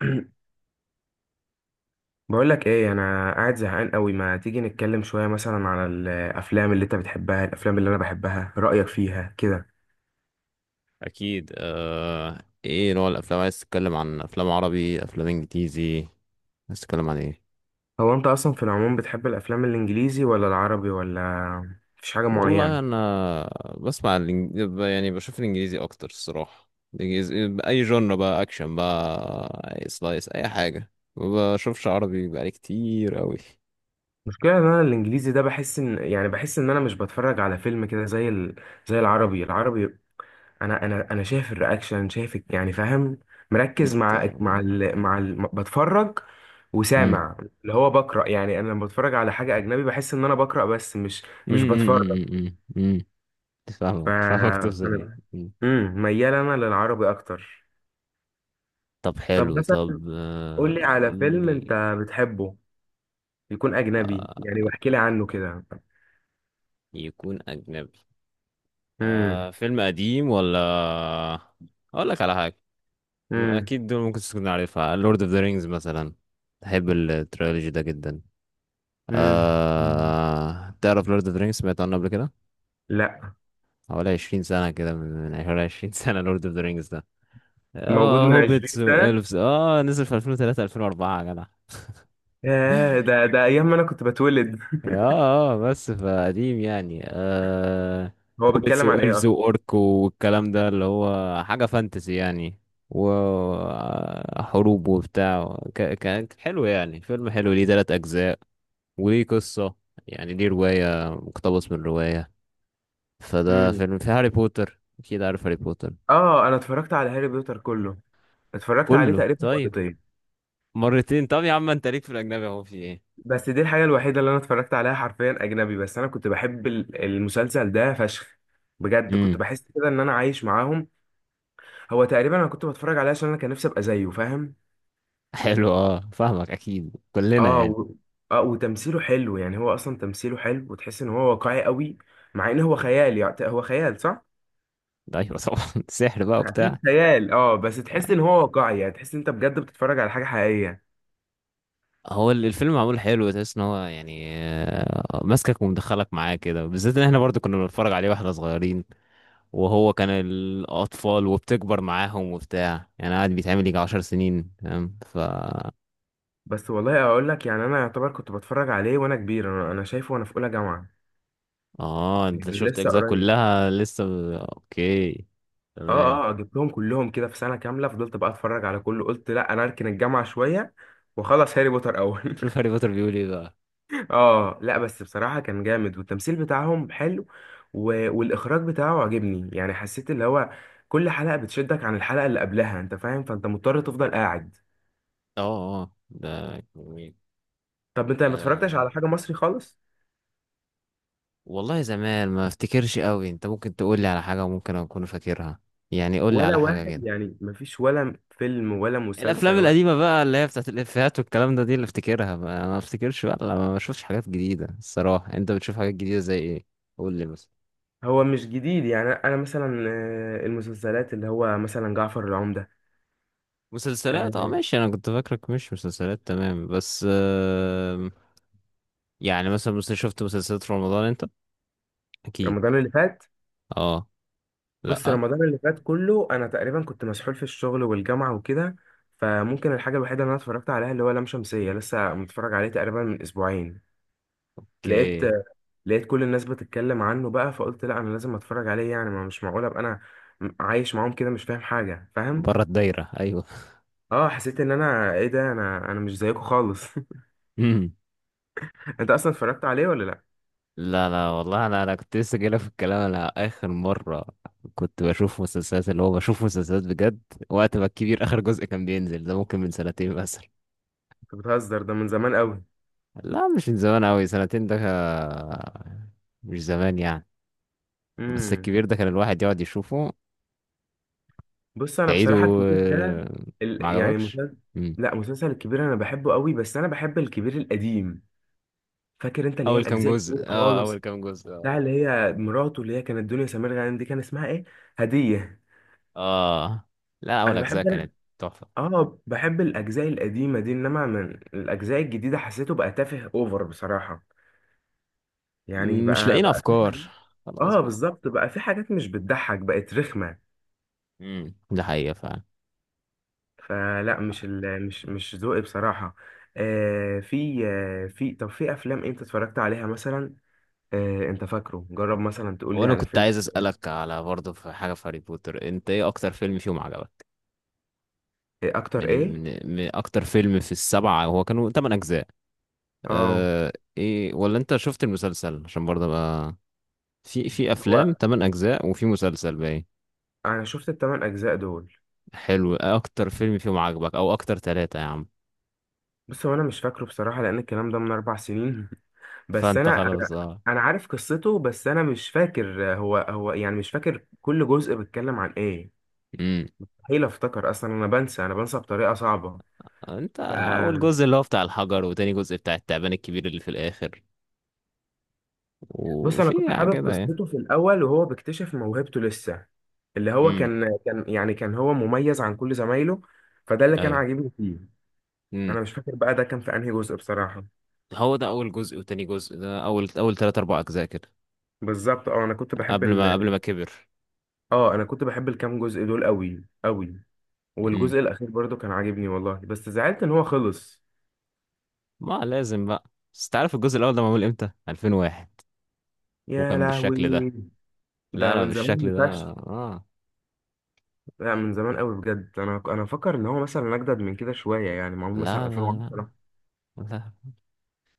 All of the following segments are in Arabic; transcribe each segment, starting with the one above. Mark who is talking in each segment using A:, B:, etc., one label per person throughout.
A: بقول لك ايه، انا قاعد زهقان قوي. ما تيجي نتكلم شويه مثلا على الافلام اللي انت بتحبها، الافلام اللي انا بحبها، رايك فيها كده؟
B: اكيد. ايه نوع الافلام؟ عايز تتكلم عن افلام عربي، افلام انجليزي؟ عايز تتكلم عن ايه؟
A: هو انت اصلا في العموم بتحب الافلام الانجليزي ولا العربي، ولا مفيش حاجه
B: والله
A: معينه؟
B: انا بسمع يعني بشوف الانجليزي اكتر الصراحه. باي جنر، بقى اكشن، بقى أي سلايس، اي حاجه. ما بشوفش عربي بقالي كتير قوي.
A: المشكله ان انا الانجليزي ده بحس ان، يعني بحس ان انا مش بتفرج على فيلم كده زي زي العربي العربي. انا شايف الرياكشن، شايف يعني فاهم، مركز
B: انت.
A: مع مع
B: مم.
A: ال مع ال بتفرج
B: مم.
A: وسامع اللي هو بقرا. يعني انا لما بتفرج على حاجه اجنبي بحس ان انا بقرا، بس مش
B: مم.
A: مش بتفرج.
B: مم. مم. مم.
A: ف
B: فاهمك، فاهمك،
A: فانا
B: توصل ايه.
A: ميال انا للعربي اكتر.
B: طب
A: طب
B: حلو،
A: مثلا
B: طب
A: قول لي
B: قول
A: على فيلم
B: لي.
A: انت بتحبه يكون اجنبي،
B: آه،
A: يعني واحكي لي عنه كده.
B: يكون أجنبي.
A: امم.
B: آه، فيلم قديم ولا؟ اقول لك على حاجه
A: امم.
B: اكيد دول ممكن تكون عارفها. لورد اوف ذا رينجز مثلا، بحب التريلوجي ده جدا.
A: امم.
B: آه، تعرف لورد اوف ذا رينجز؟ سمعت عنه قبل كده؟
A: لا.
B: حوالي 20 سنه كده، من حوالي 20 سنه لورد اوف ذا رينجز ده.
A: موجود
B: آه،
A: من
B: هوبيتس
A: 20 سنه؟
B: والفز، اه، نزل في 2003، 2004، يا جدع.
A: ياه، ده ايام ما انا كنت بتولد.
B: اه، اه، بس فقديم يعني. آه،
A: هو
B: هوبيتس
A: بيتكلم عن
B: وإلفز
A: ايه
B: وأورك والكلام ده، اللي هو حاجة فانتسي يعني، وحروب وبتاع. كان حلو يعني، فيلم حلو، ليه تلات أجزاء، وليه قصة يعني، ليه رواية، مقتبس من رواية. فده
A: اصلا؟
B: فيلم. في هاري بوتر، أكيد عارف هاري بوتر.
A: اه، انا اتفرجت على هاري بوتر كله، اتفرجت عليه
B: كله؟
A: تقريبا
B: طيب.
A: مرتين.
B: مرتين؟ طب يا عم انت ليك في الأجنبي اهو، في ايه؟
A: بس دي الحاجه الوحيده اللي انا اتفرجت عليها حرفيا اجنبي، بس انا كنت بحب المسلسل ده فشخ. بجد كنت
B: امم،
A: بحس كده ان انا عايش معاهم. هو تقريبا انا كنت بتفرج عليه عشان انا كان نفسي ابقى زيه، فاهم؟
B: حلو، اه فاهمك، أكيد كلنا
A: اه
B: يعني.
A: و... اه وتمثيله حلو، يعني هو اصلا تمثيله حلو وتحس ان هو واقعي قوي، مع ان هو خيال. يعني هو خيال صح،
B: ايوه طبعا. سحر بقى وبتاع.
A: اكيد خيال. اه بس تحس ان هو واقعي، يعني تحس ان انت بجد بتتفرج على حاجه حقيقيه.
B: هو ال- الفيلم معمول حلو، تحس ان هو يعني، ماسكك ومدخلك معاه كده، بالذات ان احنا برضو كنا بنتفرج عليه واحنا صغيرين، وهو كان الاطفال، وبتكبر معاهم وبتاع، يعني قاعد بيتعمل يجي عشر سنين، فاهم؟ ف
A: بس والله اقول لك، يعني انا يعتبر كنت بتفرج عليه وانا كبير. انا شايفه وانا في اولى جامعه،
B: اه، انت
A: يعني
B: شفت
A: لسه
B: اجزاء
A: قريب.
B: كلها لسه، اوكي، تمام.
A: اه، اه، جبتهم كلهم كده في سنه كامله. فضلت بقى اتفرج على كله، قلت لا، انا اركن الجامعه شويه واخلص هاري بوتر اول.
B: شوف هاري بوتر بيقول ايه بقى.
A: اه، لا بس بصراحه كان جامد والتمثيل بتاعهم حلو، والاخراج بتاعه عجبني. يعني حسيت اللي هو كل حلقه بتشدك عن الحلقه اللي قبلها، انت فاهم؟ فانت مضطر تفضل قاعد.
B: اه اه، ده جميل.
A: طب انت ما اتفرجتش على
B: آه،
A: حاجه مصري خالص؟
B: والله زمان، ما افتكرش قوي. انت ممكن تقول لي على حاجة ممكن اكون فاكرها، يعني قول لي
A: ولا
B: على حاجة
A: واحد
B: كده.
A: يعني؟ مفيش ولا فيلم ولا
B: الافلام
A: مسلسل؟
B: القديمه بقى، اللي هي بتاعت الافيهات والكلام ده، دي اللي افتكرها بقى، انا ما افتكرش بقى لما ما بشوفش حاجات جديده الصراحه. انت بتشوف حاجات جديده زي ايه؟ قول لي مثلا.
A: هو مش جديد، يعني انا مثلا المسلسلات اللي هو مثلا جعفر العمدة.
B: مسلسلات؟ اه
A: آه،
B: ماشي، انا كنت فاكرك مش مسلسلات، تمام، بس آم، يعني مثلا شفت مسلسلات في رمضان انت؟ اكيد.
A: رمضان اللي فات.
B: اه.
A: بص
B: لا.
A: رمضان اللي فات كله انا تقريبا كنت مسحول في الشغل والجامعة وكده، فممكن الحاجة الوحيدة اللي انا اتفرجت عليها اللي هو لام شمسية، لسه متفرج عليه تقريبا من اسبوعين. لقيت
B: اوكي،
A: لقيت كل الناس بتتكلم عنه بقى، فقلت لا، انا لازم اتفرج عليه، يعني ما مش معقول ابقى انا عايش معاهم كده مش فاهم حاجة، فاهم؟
B: بره الدايره، ايوه.
A: اه، حسيت ان انا ايه ده، انا مش زيكم خالص.
B: مم.
A: انت اصلا اتفرجت عليه ولا لا؟
B: لا لا والله، انا انا كنت لسه جايلك في الكلام. انا اخر مره كنت بشوف مسلسلات، اللي هو بشوف مسلسلات بجد، وقت ما الكبير اخر جزء كان بينزل. ده ممكن من سنتين بس.
A: انت بتهزر، ده من زمان قوي.
B: لا، مش من زمان أوي، سنتين ده مش زمان يعني. بس
A: امم.
B: الكبير ده كان الواحد يقعد يشوفه،
A: بص انا
B: تعيده.
A: بصراحه الكبير ده
B: آه، ما
A: يعني
B: عجبكش؟
A: مسلسل،
B: مم.
A: لا، مسلسل الكبير انا بحبه قوي، بس انا بحب الكبير القديم. فاكر انت اللي هي
B: أول كام
A: الاجزاء
B: جزء،
A: الكبيره
B: اه، أول
A: خالص؟
B: كام جزء
A: بتاع اللي
B: اه.
A: هي مراته، اللي هي كانت دنيا سمير غانم، دي كان اسمها ايه؟ هديه.
B: آه. لا أول
A: انا
B: أجزاء
A: بحب انا
B: كانت تحفة.
A: اه بحب الاجزاء القديمه دي، انما من الاجزاء الجديده حسيته بقى تافه اوفر بصراحه. يعني
B: مش
A: بقى
B: لاقيين
A: بقى في
B: أفكار،
A: حاجات.
B: خلاص
A: اه
B: بقى.
A: بالظبط، بقى في حاجات مش بتضحك، بقت رخمه.
B: مم، ده حقيقة فعلا.
A: فلا، مش ال... مش مش ذوقي بصراحة. آه في آه في طب في افلام انت اتفرجت عليها مثلا؟ آه، انت فاكره، جرب مثلا تقول لي
B: وأنا
A: على
B: كنت
A: فيلم.
B: عايز أسألك على، برضه في حاجة في هاري بوتر، أنت إيه أكتر فيلم فيهم عجبك؟
A: إيه اكتر
B: من,
A: ايه؟
B: من, من أكتر فيلم في السبعة، هو كانوا تمن أجزاء.
A: اه،
B: آه. ايه، ولا انت شفت المسلسل؟ عشان برضه بقى في في افلام
A: هو
B: 8 اجزاء وفي مسلسل باين.
A: انا شفت الثمان اجزاء دول.
B: حلو. اكتر فيلم فيهم عجبك، او اكتر ثلاثة يا عم؟
A: بس هو انا مش فاكره بصراحة، لان الكلام ده من 4 سنين. بس
B: فانت
A: انا انا
B: خلاص، اه.
A: انا عارف قصته، بس انا مش فاكر هو يعني، مش فاكر كل جزء بيتكلم عن ايه.
B: امم.
A: مستحيل افتكر اصلا، انا بنسى، انا بنسى بطريقة صعبة.
B: انت،
A: ف،
B: اول جزء اللي هو بتاع الحجر، وتاني جزء بتاع التعبان الكبير اللي في الاخر.
A: بص انا
B: وفي
A: كنت حابب
B: كده يعني.
A: قصته في الاول وهو بيكتشف موهبته لسه، اللي هو
B: امم.
A: كان يعني، كان هو مميز عن كل زمايله، فده اللي كان
B: ايوه.
A: عاجبني فيه.
B: امم.
A: انا مش فاكر بقى ده كان في انهي جزء بصراحة.
B: هو ده اول جزء وتاني جزء، ده اول، اول ثلاثة اربع اجزاء كده،
A: بالظبط.
B: قبل ما، قبل ما كبر.
A: انا كنت بحب الكام جزء دول قوي قوي،
B: امم.
A: والجزء الاخير برضو كان عاجبني والله، بس زعلت ان هو خلص.
B: ما لازم بقى. بس تعرف الجزء الاول ده معمول امتى؟ 2001،
A: يا
B: وكان بالشكل ده.
A: لهوي،
B: لا
A: ده
B: لا،
A: من زمان
B: بالشكل ده
A: فشخ.
B: اه.
A: لا من زمان قوي بجد. انا فاكر ان هو مثلا اجدد من كده شويه، يعني معمول مثلا
B: لا،
A: 2010.
B: لا،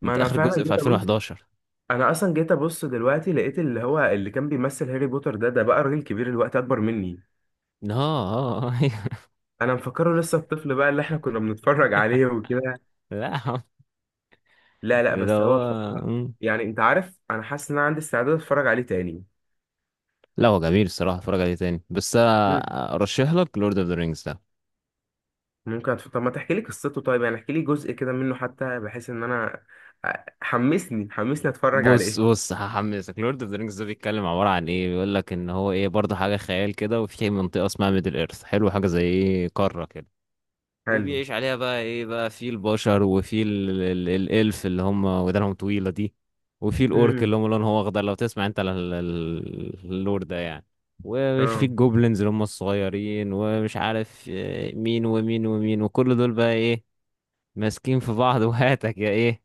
A: ما
B: انت
A: انا
B: اخر
A: فعلا
B: جزء في
A: جيت ابص.
B: 2011.
A: انا اصلا جيت ابص دلوقتي، لقيت اللي هو اللي كان بيمثل هاري بوتر ده بقى راجل كبير الوقت، اكبر مني.
B: اه اه، آه.
A: انا مفكره لسه الطفل بقى اللي احنا كنا بنتفرج عليه وكده.
B: لا يا عم.
A: لا لا،
B: ده
A: بس
B: هو.
A: هو بصراحة،
B: مم.
A: يعني انت عارف، انا حاسس ان انا عندي استعداد اتفرج عليه تاني.
B: لا هو جميل الصراحه، اتفرج عليه تاني، بس انا
A: مم.
B: ارشح لك لورد اوف ذا رينجز ده.
A: ممكن طب ما تحكي لي قصته طيب، يعني احكي لي جزء كده منه حتى، بحيث ان انا أ- حمسني حمسني اتفرج
B: بص
A: عليه.
B: بص، هحمسك. لورد اوف ذا رينجز ده بيتكلم عباره عن ايه؟ بيقول لك ان هو، ايه، برضه حاجه خيال كده، وفي منطقه اسمها ميدل ايرث، حلو، حاجه زي ايه، قاره كده.
A: حلو.
B: وبيعيش عليها بقى ايه بقى؟ في البشر، وفي الالف اللي هم ودانهم طويلة دي، وفي الاورك
A: امم.
B: اللي هم لونهم اخضر، لو تسمع انت اللور ده يعني، ومش في
A: اه،
B: الجوبلينز اللي هم الصغيرين، ومش عارف مين ومين ومين، وكل دول بقى ايه، ماسكين في بعض. وهاتك يا ايه،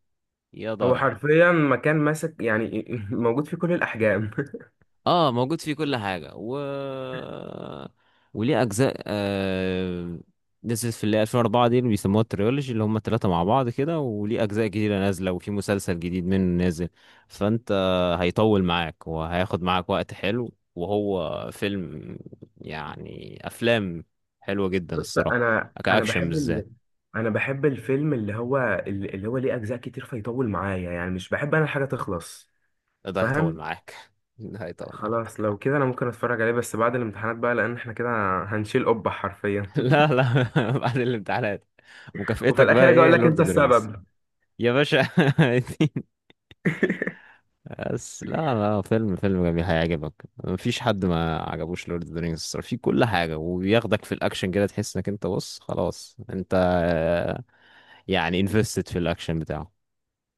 B: يا
A: هو
B: ضرب.
A: حرفيا مكان ماسك يعني. موجود في كل الاحجام.
B: اه، موجود فيه كل حاجة. و وليه أجزاء نزلت في اللي 2004 دي، اللي بيسموها التريولوجي، اللي هم التلاتة مع بعض كده. وليه أجزاء جديدة نازلة، وفي مسلسل جديد منه نازل. فأنت، هيطول معاك، وهياخد معاك وقت حلو، وهو فيلم، يعني أفلام حلوة جدا
A: بص
B: الصراحة،
A: انا
B: كأكشن بالذات.
A: انا بحب الفيلم اللي هو ليه اجزاء كتير فيطول معايا، يعني مش بحب انا الحاجه تخلص،
B: ده هيطول
A: فاهم؟
B: معاك. ده هيطول
A: خلاص
B: معاك.
A: لو كده انا ممكن اتفرج عليه، بس بعد الامتحانات بقى، لان احنا كده هنشيل قبة حرفيا.
B: لا لا. بعد الامتحانات
A: وفي
B: مكافئتك بقى
A: الاخر اجي اقول
B: ايه؟
A: لك
B: لورد
A: انت
B: اوف ذا رينجز.
A: السبب.
B: يا باشا. بس لا لا، فيلم، فيلم جميل هيعجبك. مفيش حد ما عجبوش لورد اوف ذا رينجز، في كل حاجه، وبياخدك في الاكشن كده، تحس انك انت، بص خلاص انت، آه، يعني انفستد في الاكشن بتاعه.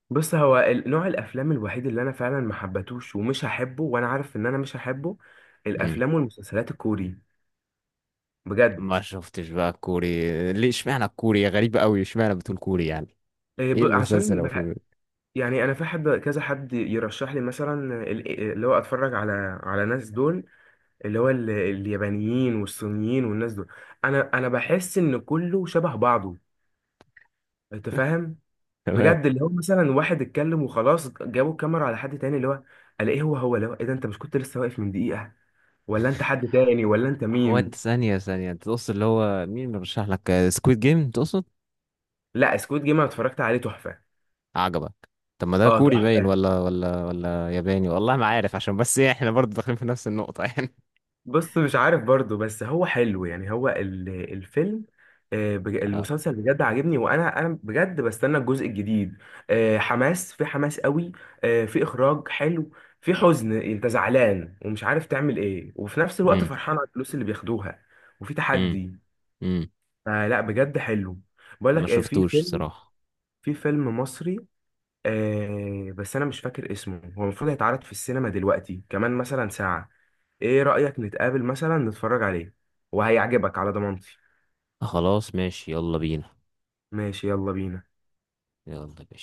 A: بص هو نوع الافلام الوحيد اللي انا فعلا ما حبتوش ومش هحبه وانا عارف ان انا مش هحبه،
B: مم.
A: الافلام والمسلسلات الكوري، بجد.
B: ما شفتش بقى الكوري؟ ليه؟ اشمعنى الكوري؟ غريب قوي اشمعنى بتقول كوري يعني.
A: إيه،
B: ايه المسلسل او الفيلم ده؟
A: يعني انا في حد، كذا حد يرشح لي مثلا اللي هو اتفرج على ناس دول، اللي هو اليابانيين والصينيين والناس دول. انا بحس ان كله شبه بعضه، انت فاهم؟
B: تمام.
A: بجد، اللي هو مثلا واحد اتكلم وخلاص جابوا الكاميرا على حد تاني، اللي هو الاقيه هو اللي هو ايه ده؟ انت مش كنت لسه واقف من دقيقة؟ ولا انت حد تاني؟ ولا انت
B: هو انت،
A: مين؟
B: ثانيه ثانيه، انت تقصد اللي هو، مين مرشح لك؟ سكويد جيم تقصد؟
A: لا، سكوت جيم انا اتفرجت عليه تحفة.
B: عجبك؟ طب ما ده
A: اه
B: كوري باين،
A: تحفة.
B: ولا ولا ولا ياباني، والله ما عارف، عشان بس إيه، احنا برضه داخلين في نفس النقطة. يعني.
A: بص مش عارف برضو، بس هو حلو، يعني هو الفيلم،
B: آه.
A: المسلسل بجد عاجبني، وانا بجد بستنى الجزء الجديد. آه، حماس في حماس قوي. في اخراج حلو. في حزن، انت زعلان ومش عارف تعمل ايه، وفي نفس الوقت
B: امم.
A: فرحان على الفلوس اللي بياخدوها، وفي
B: امم.
A: تحدي.
B: امم.
A: فلا، بجد حلو. بقول
B: ما
A: لك ايه، في
B: شفتوش
A: فيلم
B: صراحة.
A: في فيلم مصري. بس انا مش فاكر اسمه. هو المفروض هيتعرض في السينما دلوقتي كمان مثلا ساعة. ايه رأيك نتقابل مثلا نتفرج عليه؟ وهيعجبك على ضمانتي.
B: خلاص ماشي، يلا بينا.
A: ماشي، يلا بينا.
B: يلا بينا.